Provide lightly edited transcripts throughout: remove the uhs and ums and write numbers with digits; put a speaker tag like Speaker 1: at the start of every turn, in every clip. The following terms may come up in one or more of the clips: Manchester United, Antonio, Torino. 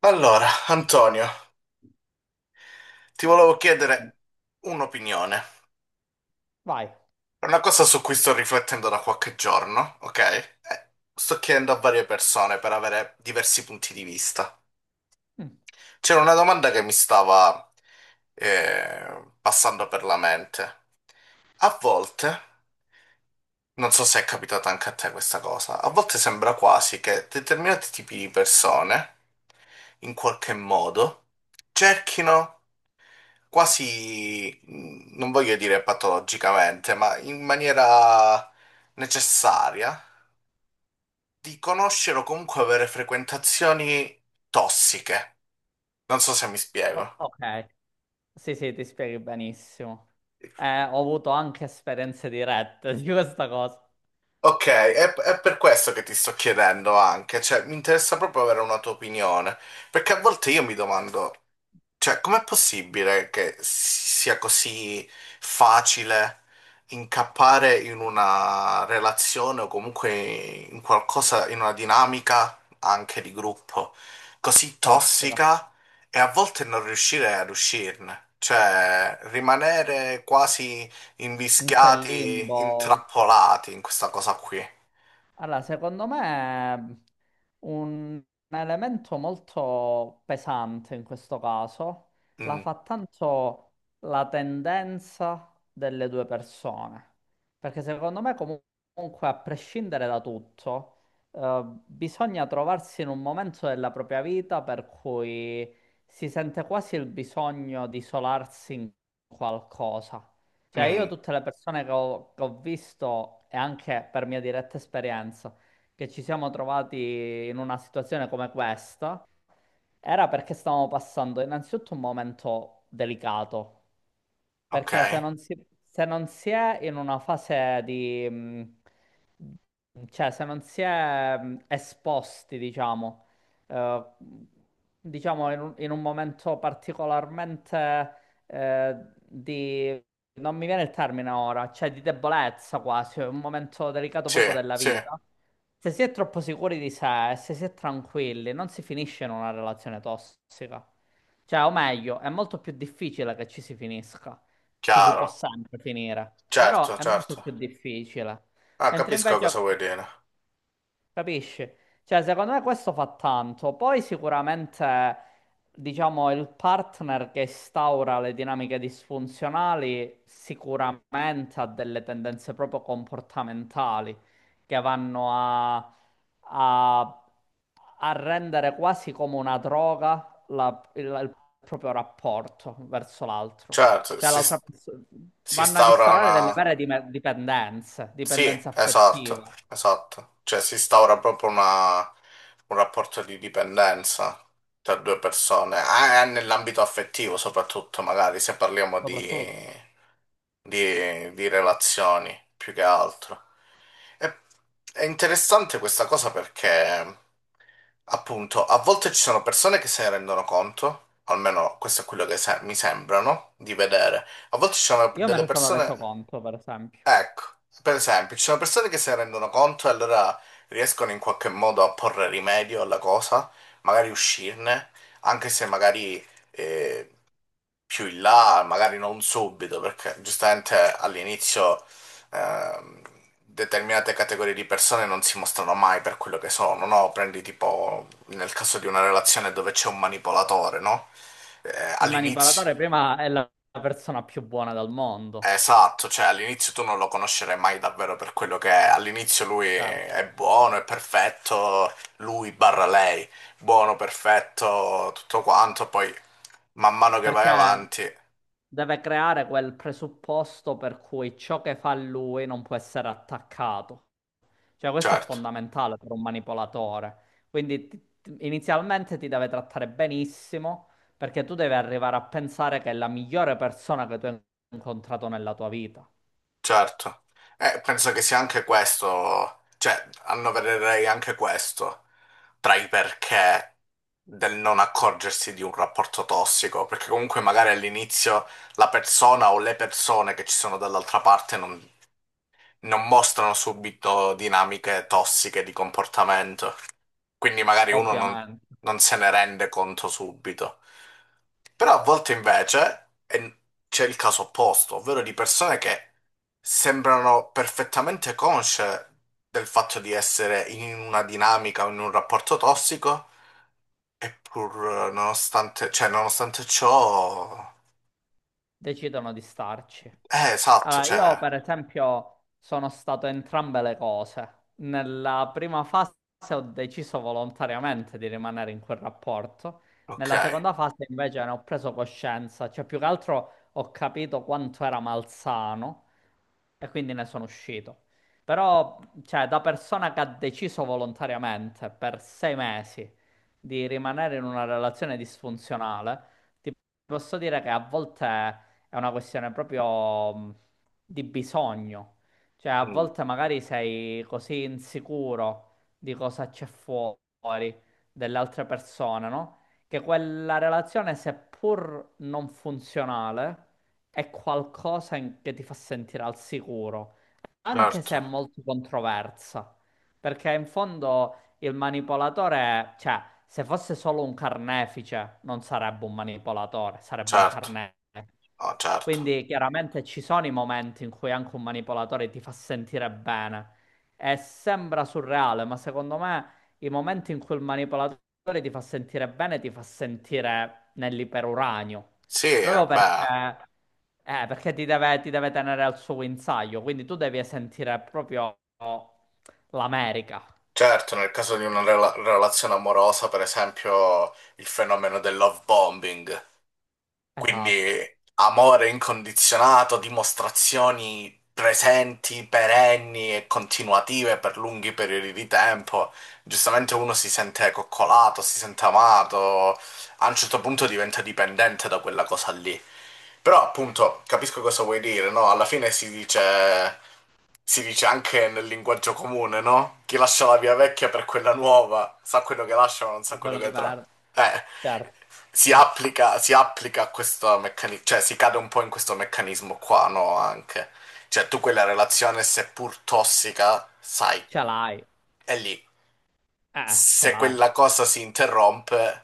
Speaker 1: Allora, Antonio, ti volevo chiedere un'opinione.
Speaker 2: Vai.
Speaker 1: È una cosa su cui sto riflettendo da qualche giorno, ok? Sto chiedendo a varie persone per avere diversi punti di vista.
Speaker 2: Mm.
Speaker 1: C'era una domanda che mi stava passando per la mente. A volte, non so se è capitata anche a te questa cosa, a volte sembra quasi che determinati tipi di persone, in qualche modo, cerchino quasi, non voglio dire patologicamente, ma in maniera necessaria, di conoscere o comunque avere frequentazioni tossiche. Non so se mi
Speaker 2: O-
Speaker 1: spiego.
Speaker 2: Ok, sì, sì, ti spieghi benissimo. Ho avuto anche esperienze dirette di questa cosa
Speaker 1: Ok, è per questo che ti sto chiedendo anche, cioè mi interessa proprio avere una tua opinione, perché a volte io mi domando. Cioè, com'è possibile che sia così facile incappare in una relazione o comunque in qualcosa, in una dinamica anche di gruppo così
Speaker 2: tossica,
Speaker 1: tossica e a volte non riuscire ad uscirne? Cioè, rimanere quasi
Speaker 2: in quel
Speaker 1: invischiati,
Speaker 2: limbo.
Speaker 1: intrappolati in questa cosa qui.
Speaker 2: Allora, secondo me un elemento molto pesante in questo caso la
Speaker 1: Mm,
Speaker 2: fa tanto la tendenza delle due persone, perché secondo me comunque a prescindere da tutto, bisogna trovarsi in un momento della propria vita per cui si sente quasi il bisogno di isolarsi in qualcosa. Cioè, io
Speaker 1: mm,
Speaker 2: tutte le persone che ho visto, e anche per mia diretta esperienza, che ci siamo trovati in una situazione come questa, era perché stavamo passando innanzitutto un momento delicato.
Speaker 1: ok,
Speaker 2: Perché se non si è in una fase cioè se non si è esposti, diciamo, eh, in un momento particolarmente eh, di... non mi viene il termine ora, cioè di debolezza quasi, un momento delicato
Speaker 1: sì,
Speaker 2: proprio della
Speaker 1: sì,
Speaker 2: vita. Se si è troppo sicuri di sé, se si è tranquilli, non si finisce in una relazione tossica. Cioè, o meglio, è molto più difficile che ci si finisca. Ci si può
Speaker 1: chiaro,
Speaker 2: sempre finire, però
Speaker 1: certo,
Speaker 2: è molto
Speaker 1: certo.
Speaker 2: più difficile.
Speaker 1: Ah,
Speaker 2: Mentre
Speaker 1: capisco
Speaker 2: invece
Speaker 1: cosa vuoi dire.
Speaker 2: Capisci? Cioè, secondo me questo fa tanto. Poi sicuramente, diciamo, il partner che instaura le dinamiche disfunzionali sicuramente ha delle tendenze proprio comportamentali che vanno a- a rendere quasi come una droga il proprio rapporto verso l'altro.
Speaker 1: Certo,
Speaker 2: Cioè,
Speaker 1: si,
Speaker 2: l'altra persona.
Speaker 1: si
Speaker 2: Vanno ad
Speaker 1: instaura
Speaker 2: instaurare
Speaker 1: una,
Speaker 2: delle vere dipendenze,
Speaker 1: sì,
Speaker 2: dipendenza
Speaker 1: esatto,
Speaker 2: affettiva,
Speaker 1: esatto. Cioè si instaura proprio una- un rapporto di dipendenza tra due persone, ah, e nell'ambito affettivo soprattutto, magari se parliamo
Speaker 2: soprattutto.
Speaker 1: di relazioni più che altro. E- è interessante questa cosa perché, appunto, a volte ci sono persone che se ne rendono conto, almeno questo è quello che se- mi sembrano di vedere, a volte ci sono
Speaker 2: Io me
Speaker 1: delle
Speaker 2: ne sono
Speaker 1: persone.
Speaker 2: reso conto, per esempio.
Speaker 1: Ecco, per esempio, ci sono persone che se ne rendono conto e allora riescono in qualche modo a porre rimedio alla cosa, magari uscirne, anche se magari eh, più in là, magari non subito, perché giustamente all'inizio ehm, determinate categorie di persone non si mostrano mai per quello che sono, no? Prendi tipo nel caso di una relazione dove c'è un manipolatore, no?
Speaker 2: Il
Speaker 1: All'inizio.
Speaker 2: manipolatore prima è la persona più buona del mondo,
Speaker 1: Esatto, cioè all'inizio tu non lo conoscerai mai davvero per quello che è. All'inizio lui
Speaker 2: cioè,
Speaker 1: è buono, è perfetto, lui barra lei, buono, perfetto, tutto quanto, poi man mano che vai
Speaker 2: perché
Speaker 1: avanti,
Speaker 2: deve creare quel presupposto per cui ciò che fa lui non può essere attaccato. Cioè, questo è
Speaker 1: certo,
Speaker 2: fondamentale per un manipolatore. Quindi inizialmente ti deve trattare benissimo, perché tu devi arrivare a pensare che è la migliore persona che tu hai incontrato nella tua vita.
Speaker 1: certo. E penso che sia anche questo, cioè annovererei anche questo tra i perché del non accorgersi di un rapporto tossico, perché comunque magari all'inizio la persona o le persone che ci sono dall'altra parte non non mostrano subito dinamiche tossiche di comportamento, quindi magari uno non,
Speaker 2: Ovviamente,
Speaker 1: non se ne rende conto subito. Però a volte invece e- c'è il caso opposto, ovvero di persone che sembrano perfettamente consce del fatto di essere in una dinamica o in un rapporto tossico, eppur nonostante, cioè, nonostante ciò...
Speaker 2: decidono di starci.
Speaker 1: Esatto,
Speaker 2: Allora, io
Speaker 1: cioè...
Speaker 2: per esempio sono stato entrambe le cose. Nella prima fase ho deciso volontariamente di rimanere in quel rapporto,
Speaker 1: Ok,
Speaker 2: nella seconda fase invece ne ho preso coscienza, cioè più che altro ho capito quanto era malsano e quindi ne sono uscito. Però, cioè, da persona che ha deciso volontariamente per 6 mesi di rimanere in una relazione disfunzionale, ti posso dire che a volte è una questione proprio di bisogno. Cioè, a
Speaker 1: mm,
Speaker 2: volte magari sei così insicuro di cosa c'è fuori dell'altra persona, no? Che quella relazione, seppur non funzionale, è qualcosa che ti fa sentire al sicuro, anche se è
Speaker 1: certo,
Speaker 2: molto controversa. Perché in fondo il manipolatore, cioè, se fosse solo un carnefice, non sarebbe un manipolatore, sarebbe un
Speaker 1: certo,
Speaker 2: carnefice.
Speaker 1: no, certo.
Speaker 2: Quindi chiaramente ci sono i momenti in cui anche un manipolatore ti fa sentire bene e sembra surreale, ma secondo me i momenti in cui il manipolatore ti fa sentire bene ti fa sentire nell'iperuranio,
Speaker 1: Sì,
Speaker 2: proprio
Speaker 1: beh,
Speaker 2: perché ti deve tenere al suo guinzaglio, quindi tu devi sentire proprio l'America.
Speaker 1: certo, nel caso di una rela- relazione amorosa, per esempio, il fenomeno del love bombing,
Speaker 2: Esatto.
Speaker 1: quindi amore incondizionato, dimostrazioni presenti, perenni e continuative per lunghi periodi di tempo, giustamente uno si sente coccolato, si sente amato, a un certo punto diventa dipendente da quella cosa lì. Però appunto capisco cosa vuoi dire, no? Alla fine si dice anche nel linguaggio comune, no? Chi lascia la via vecchia per quella nuova sa quello che lascia ma non sa
Speaker 2: Da
Speaker 1: quello
Speaker 2: quello che
Speaker 1: che tra.
Speaker 2: per-
Speaker 1: Eh,
Speaker 2: Certo. ass-
Speaker 1: si applica a questo meccanismo, cioè si cade un po' in questo meccanismo qua, no? Anche. Cioè tu quella relazione, seppur tossica, sai,
Speaker 2: ce l'hai,
Speaker 1: è lì.
Speaker 2: eh, ce
Speaker 1: Se
Speaker 2: l'hai,
Speaker 1: quella cosa si interrompe,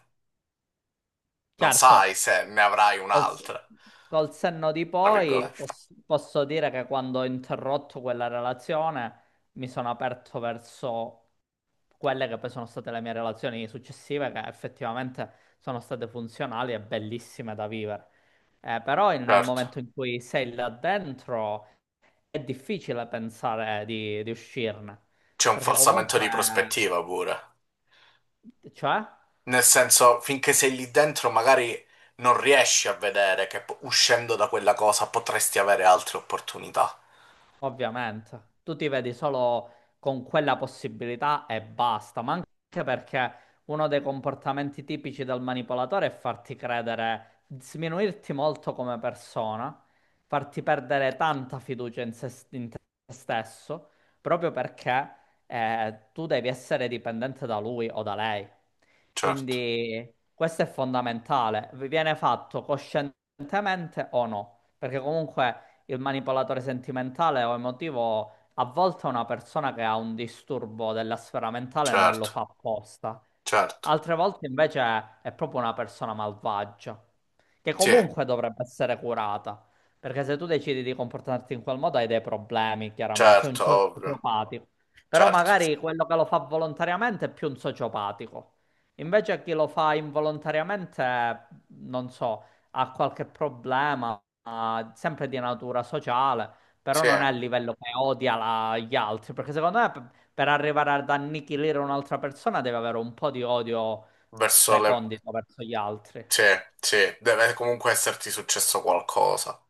Speaker 1: non
Speaker 2: certo.
Speaker 1: sai se ne avrai
Speaker 2: Col, s-
Speaker 1: un'altra,
Speaker 2: col senno di
Speaker 1: tra
Speaker 2: poi
Speaker 1: virgolette.
Speaker 2: posso dire che quando ho interrotto quella relazione mi sono aperto verso quelle che poi sono state le mie relazioni successive, che effettivamente sono state funzionali e bellissime da vivere. Però nel
Speaker 1: Certo.
Speaker 2: momento in cui sei là dentro è difficile pensare di uscirne,
Speaker 1: C'è un
Speaker 2: perché
Speaker 1: falsamento
Speaker 2: comunque,
Speaker 1: di prospettiva pure.
Speaker 2: cioè?
Speaker 1: Nel senso, finché sei lì dentro, magari non riesci a vedere che po- uscendo da quella cosa potresti avere altre opportunità.
Speaker 2: Ovviamente, tu ti vedi solo con quella possibilità e basta, ma anche perché uno dei comportamenti tipici del manipolatore è farti credere, sminuirti molto come persona, farti perdere tanta fiducia in, se, in te stesso, proprio perché tu devi essere dipendente da lui o da lei.
Speaker 1: Certo,
Speaker 2: Quindi questo è fondamentale, vi viene fatto coscientemente o no, perché comunque il manipolatore sentimentale o emotivo a volte è una persona che ha un disturbo della sfera mentale e non lo
Speaker 1: certo,
Speaker 2: fa apposta.
Speaker 1: certo.
Speaker 2: Altre volte invece è proprio una persona malvagia, che
Speaker 1: Sì,
Speaker 2: comunque dovrebbe essere curata, perché se tu decidi di comportarti in quel modo hai dei problemi, chiaramente, sei un
Speaker 1: certo, ovvio.
Speaker 2: sociopatico. Però
Speaker 1: Certo,
Speaker 2: magari quello che lo fa volontariamente è più un sociopatico. Invece chi lo fa involontariamente, non so, ha qualche problema, ma sempre di natura sociale, però
Speaker 1: sì.
Speaker 2: non è a livello che odia gli altri, perché secondo me per arrivare ad annichilire un'altra persona deve avere un po' di odio
Speaker 1: Verso le...
Speaker 2: recondito verso gli altri.
Speaker 1: Sì, sì, deve comunque esserti successo qualcosa.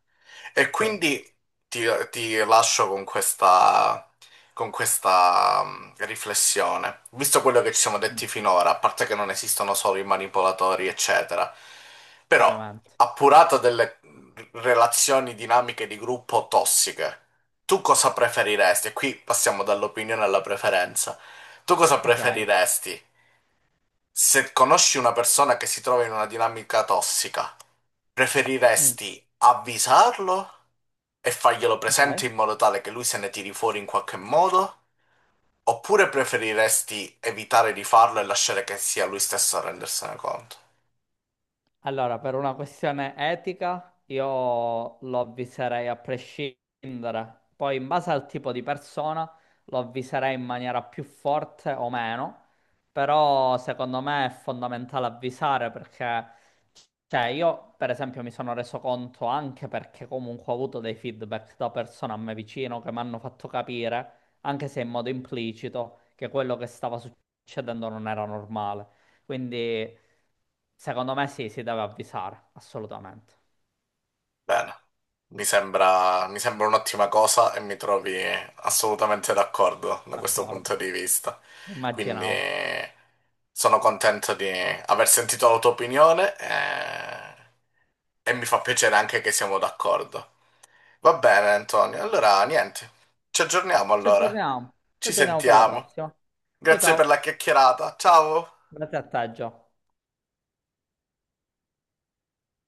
Speaker 1: E
Speaker 2: Sì.
Speaker 1: quindi ti, ti lascio con questa riflessione. Visto quello che ci siamo
Speaker 2: Mm.
Speaker 1: detti finora, a parte che non esistono solo i manipolatori, eccetera, però
Speaker 2: Ovviamente.
Speaker 1: appurato delle relazioni dinamiche di gruppo tossiche, tu cosa preferiresti? E qui passiamo dall'opinione alla preferenza. Tu cosa
Speaker 2: Ok.
Speaker 1: preferiresti? Se conosci una persona che si trova in una dinamica tossica,
Speaker 2: Mm,
Speaker 1: preferiresti avvisarlo e farglielo presente
Speaker 2: ok.
Speaker 1: in modo tale che lui se ne tiri fuori in qualche modo? Oppure preferiresti evitare di farlo e lasciare che sia lui stesso a rendersene conto?
Speaker 2: Allora, per una questione etica, io lo avviserei a prescindere. Poi, in base al tipo di persona, lo avviserei in maniera più forte o meno. Però, secondo me, è fondamentale avvisare perché, cioè, io, per esempio, mi sono reso conto anche perché comunque ho avuto dei feedback da persone a me vicino che mi hanno fatto capire, anche se in modo implicito, che quello che stava succedendo non era normale. Quindi secondo me sì, si deve avvisare, assolutamente.
Speaker 1: Bene, mi sembra un'ottima cosa e mi trovi assolutamente d'accordo da questo
Speaker 2: D'accordo,
Speaker 1: punto di vista. Quindi
Speaker 2: immaginavo.
Speaker 1: sono contento di aver sentito la tua opinione e mi fa piacere anche che siamo d'accordo. Va bene, Antonio. Allora, niente, ci aggiorniamo
Speaker 2: Ci
Speaker 1: allora.
Speaker 2: aggiorniamo, ci
Speaker 1: Ci
Speaker 2: aggiorniamo per la
Speaker 1: sentiamo.
Speaker 2: prossima. Ciao
Speaker 1: Grazie per la
Speaker 2: ciao,
Speaker 1: chiacchierata. Ciao!
Speaker 2: grazie a te, Gio.